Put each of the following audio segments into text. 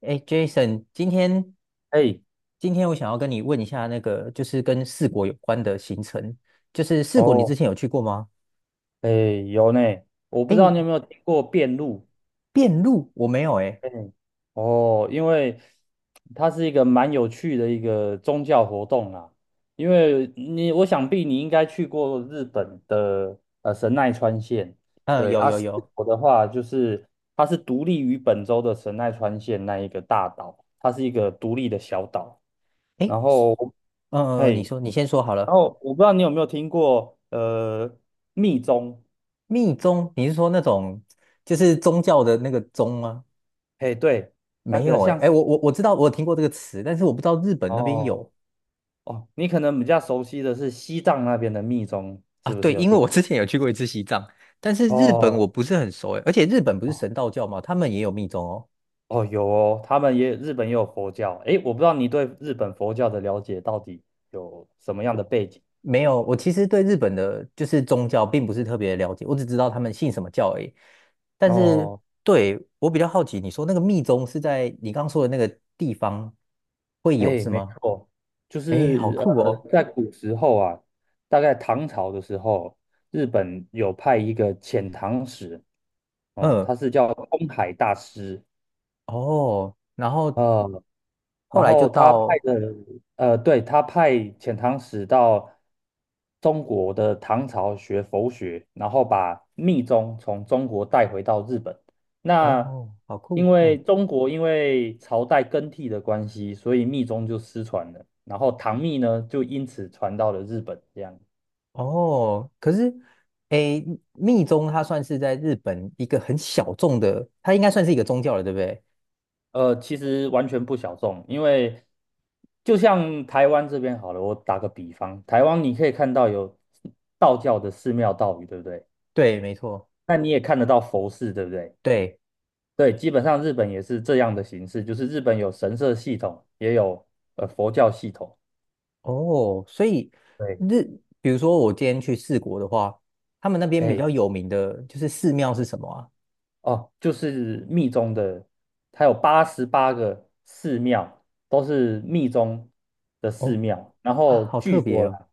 哎，Jason，今天哎，今天我想要跟你问一下那个，就是跟四国有关的行程，就是四国你之哦，前有去过吗？哎，有呢。我不哎，知道你有没有听过遍路。遍路我没有哎。哎，哦，因为它是一个蛮有趣的一个宗教活动啦。因为你，我想必你应该去过日本的神奈川县。嗯，对。有啊，有四有。国的话就是它是独立于本州的神奈川县那一个大岛，它是一个独立的小岛。哎，然后，你嘿，说你先说好然了。后我不知道你有没有听过密宗。密宗你是说那种就是宗教的那个宗吗？嘿，对，那没个有哎，像是哎，我知道我有听过这个词，但是我不知道日本那边哦有。哦，你可能比较熟悉的是西藏那边的密宗，啊，是不对，是有因为听我之过？前有去过一次西藏，但是日本哦我不是很熟哎，而且日本不是哦神道教嘛，他们也有密宗哦。哦，有哦。他们也日本也有佛教。诶，我不知道你对日本佛教的了解到底有什么样的背景？没有，我对其实对日本的就是宗教并不是特别了解，我只知道他们信什么教而已。但是哦。对，我比较好奇，你说那个密宗是在你刚刚说的那个地方会有诶，是没吗？错。就诶，好是酷哦。在古时候啊，大概唐朝的时候，日本有派一个遣唐使哦，嗯，他是叫空海大师。哦，然后啊。后然来就后他派到。的，呃，对，他派遣唐使到中国的唐朝学佛学，然后把密宗从中国带回到日本。那哦，好因酷，嗯。为中国因为朝代更替的关系，所以密宗就失传了，然后唐密呢就因此传到了日本，这样。哦，可是，诶，密宗它算是在日本一个很小众的，它应该算是一个宗教了，对不对？其实完全不小众，因为就像台湾这边好了，我打个比方。台湾你可以看到有道教的寺庙道宇，对不对？对，没错，那你也看得到佛寺，对不对？对。对。基本上日本也是这样的形式，就是日本有神社系统，也有佛教系统。哦，所以对。日，比如说我今天去四国的话，他们那边比嘿，较有名的就是寺庙是什么啊？哦，就是密宗的，它有八十八个寺庙，都是密宗的寺哦，庙。然啊，后好据特别说哦。啦，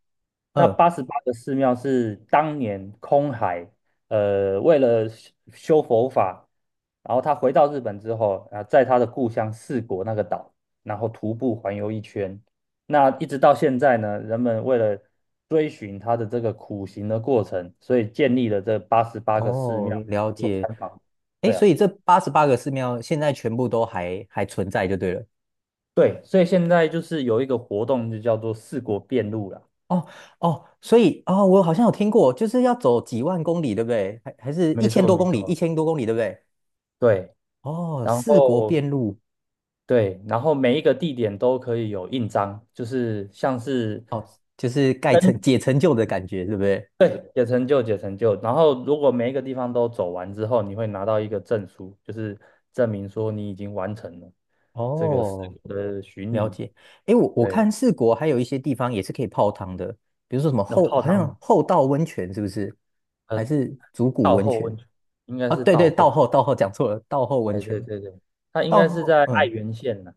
那嗯，八十八个寺庙是当年空海，为了修佛法，然后他回到日本之后，啊，在他的故乡四国那个岛，然后徒步环游一圈。那一直到现在呢，人们为了追寻他的这个苦行的过程，所以建立了这八十八个寺哦，庙。了做解。参访。诶，对啊。所以这88个寺庙现在全部都还存在就对了。对，所以现在就是有一个活动，就叫做四国遍路啦。哦哦，所以哦，我好像有听过，就是要走几万公里，对不对？还是一没千错，多没公里，一错，千多公里，对不对？对。哦，然四国后遍路。对，然后每一个地点都可以有印章，就是像是哦，就是盖跟成解成就的感觉，对不对？对，解成就解成就。然后如果每一个地方都走完之后，你会拿到一个证书，就是证明说你已经完成了这个四哦，国的巡了礼。解。诶，我对。看四国还有一些地方也是可以泡汤的，比如说什么那泡好汤像吗？后道温泉是不是？呃，还是竹谷道温后泉？温泉应该啊，是对对，道道后。后道后讲错了，道后温哎，对泉。对对，它应道该是后，在爱嗯，媛县呢。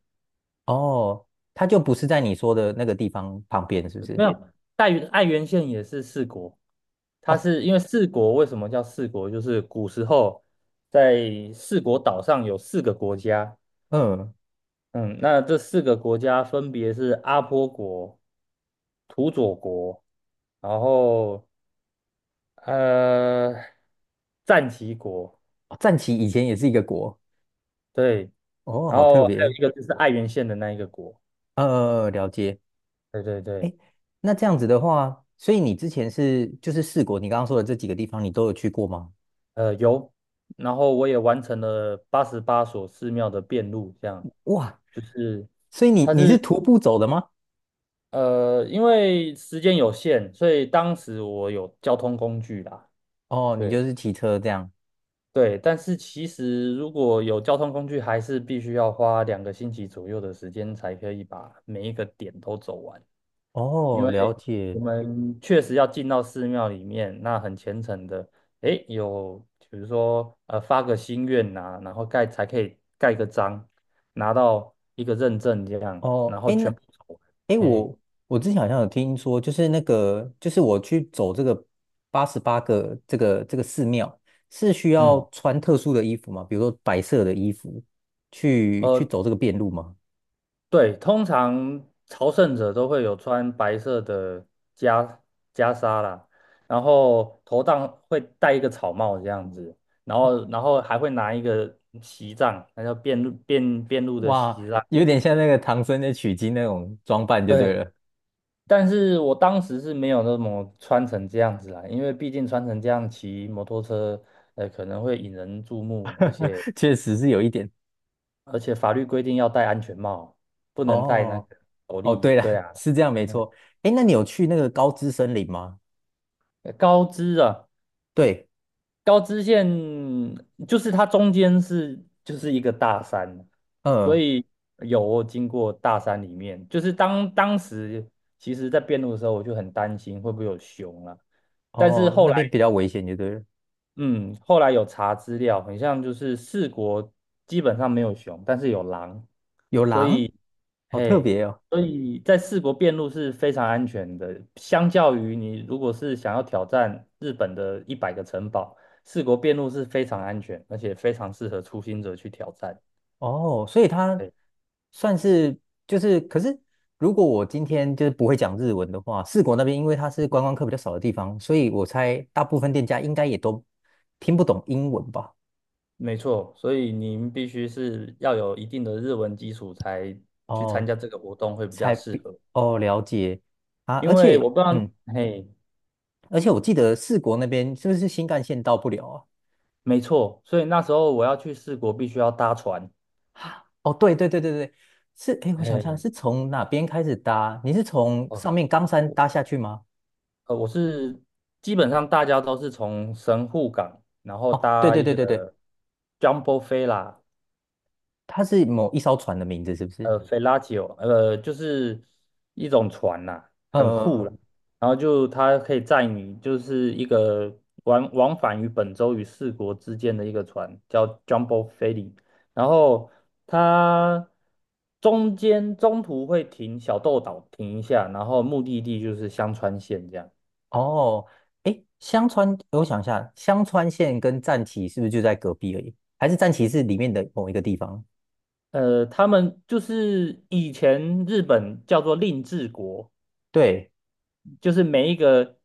哦，它就不是在你说的那个地方旁边，是不没是？有。爱媛县也是四国，它哦，是因为四国为什么叫四国？就是古时候在四国岛上有四个国家。嗯，嗯，那这四个国家分别是阿波国、土佐国，然后呃战旗国。哦，战旗以前也是一个国。对，哦，然好后特还有一别。个就是爱媛县的那一个国。了解。对对对。诶，那这样子的话，所以你之前是就是四国，你刚刚说的这几个地方，你都有去过吗？有，然后我也完成了八十八所寺庙的遍路，这样哇，就是。所以你它你是是徒步走的吗？因为时间有限，所以当时我有交通工具啦。哦，你就对是骑车这样。对。但是其实如果有交通工具，还是必须要花2个星期左右的时间才可以把每一个点都走完，因哦，了为我解。们确实要进到寺庙里面，那很虔诚的。诶，有比如说发个心愿呐、然后才可以盖个章，拿到一个认证这样，然哦，后哎，那，全部走完。哎，诶。我之前好像有听说，就是那个，就是我去走这个八十八个这个寺庙，是需嗯。要穿特殊的衣服吗？比如说白色的衣服去呃，走这个遍路吗？对，通常朝圣者都会有穿白色的袈袈裟啦，然后头上会戴一个草帽这样子，然后还会拿一个旗杖，那叫辩路的哇，旗杖。有点像那个唐僧的取经那种装扮就对对。了。但是我当时是没有那么穿成这样子啦，因为毕竟穿成这样骑摩托车，可能会引人注目，而且 确实是有一点。法律规定要戴安全帽，不能戴那哦个斗哦，笠。对对了，啊。是这样没嗯错。哎，那你有去那个高知森林吗？高知啊。对。高知县就是它中间就是一个大山，所嗯，以有经过大山里面，就是当时其实在辩路的时候，我就很担心会不会有熊啊。但是哦，那边比较危险，就对了。后来有查资料，很像就是四国基本上没有熊，但是有狼。有狼，好特嘿，别哦。所以在四国遍路是非常安全的，相较于你如果是想要挑战日本的100个城堡，四国遍路是非常安全，而且非常适合初心者去挑战。哦，所以它对，算是就是，可是如果我今天就是不会讲日文的话，四国那边因为它是观光客比较少的地方，所以我猜大部分店家应该也都听不懂英文吧？没错，所以您必须是要有一定的日文基础才去参哦，加这个活动会比较才适比合。哦，了解啊。因而为我且不知道。嗯，嘿，而且我记得四国那边是不是新干线到不了啊？没错，所以那时候我要去四国必须要搭船。哦，对对对对对，是，哎，我想一下，嘿。是从哪边开始搭？你是从哦。上面冈山搭下去吗？呃，我是基本上大家都是从神户港，然后哦，对搭对一对个 对对，Jumbo Fella，它是某一艘船的名字，是不是？Fellatio，就是一种船啦，很酷呃，啦。然后就它可以载你，就是一个往返于本州与四国之间的一个船，叫 Jumbo f e r r， 然后它中途会停小豆岛停一下，然后目的地就是香川县这样。哦，哎，香川，我想一下，香川县跟战旗是不是就在隔壁而已？还是战旗是里面的某一个地方？他们就是以前日本叫做令制国，对，就是每一个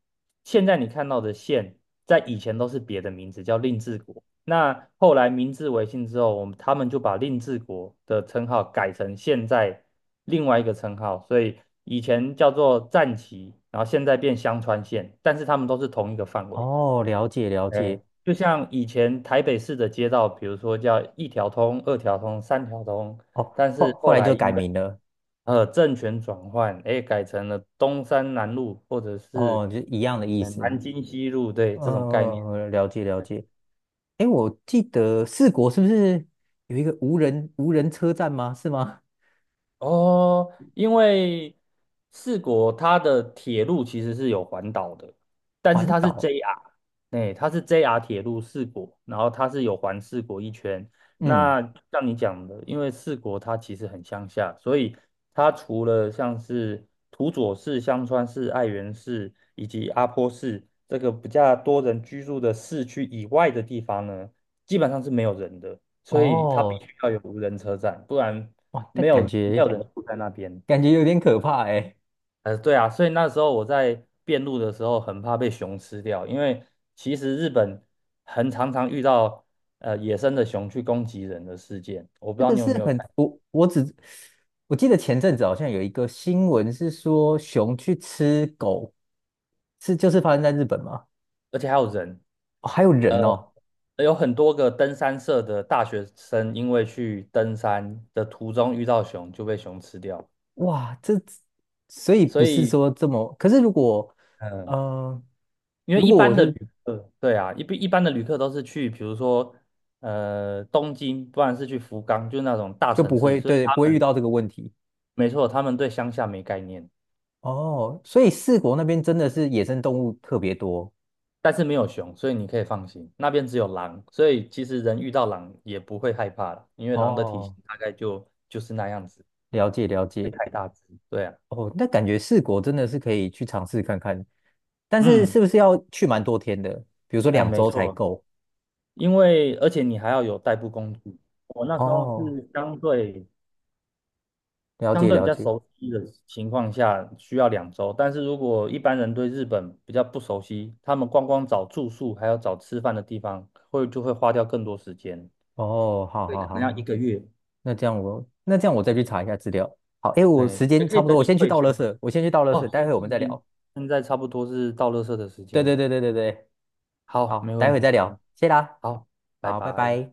现在你看到的县，在以前都是别的名字叫令制国。那后来明治维新之后，他们就把令制国的称号改成现在另外一个称号，所以以前叫做战旗，然后现在变香川县，但是他们都是同一个范围。哦，了解了解。哎，就像以前台北市的街道，比如说叫一条通、二条通、三条通，哦，但后是后后来来就改因为名了，政权转换。哎，改成了东山南路或者是哦，就一样的意南思。京西路。对，嗯，这种概念。嗯嗯，了解了解。哎，我记得四国是不是有一个无人车站吗？是吗？哦，因为四国它的铁路其实是有环岛的，但是环它是 岛，JR。哎，它是 JR 铁路四国，然后它是有环四国一圈。嗯，那像你讲的，因为四国它其实很乡下，所以它除了像是土佐市、香川市、爱媛市以及阿波市这个比较多人居住的市区以外的地方呢，基本上是没有人的。所以它必哦，须要有无人车站，不然哇，那没感有，没有觉人住在那边。感觉有点可怕哎。对啊，所以那时候我在遍路的时候很怕被熊吃掉，因为其实日本很常常遇到野生的熊去攻击人的事件。我不知这道个你有是没有很，看，我记得前阵子好像有一个新闻是说熊去吃狗，是就是发生在日本吗？而且还有人。哦，还有呃，人哦。有很多个登山社的大学生因为去登山的途中遇到熊就被熊吃掉。哇，这所以所不是以说这么，可是如果嗯、呃嗯，因为如一果我般的旅是客，对啊，一般的旅客都是去，比如说东京，不然是去福冈，就是那种大就城不市，会，所以对，他不会遇们。到这个问题。没错，他们对乡下没概念。哦，所以四国那边真的是野生动物特别多。但是没有熊，所以你可以放心，那边只有狼，所以其实人遇到狼也不会害怕了，因为狼的体型哦，大概就是那样子，了解了不解。会太大只。对啊。哦，那感觉四国真的是可以去尝试看看，但是是嗯。不是要去蛮多天的？比如说两没周才错，够。因为而且你还要有代步工具，我那时候哦，是了相解对比了较解。熟悉的情况下需要2周，但是如果一般人对日本比较不熟悉，他们光光找住宿还有找吃饭的地方，就会花掉更多时间，哦，好以好可能好，要一个月。那这样我再去查一下资料。好，诶，我哎，时也间可以差不等多，我你先去退倒休垃了。圾，我先去倒垃圾，哦，待先会我静们一再静，聊。现在差不多是到垃圾的时对对间。对对对对，好，好，没待问会题。再嗯聊，谢啦，好，拜好，拜拜。拜。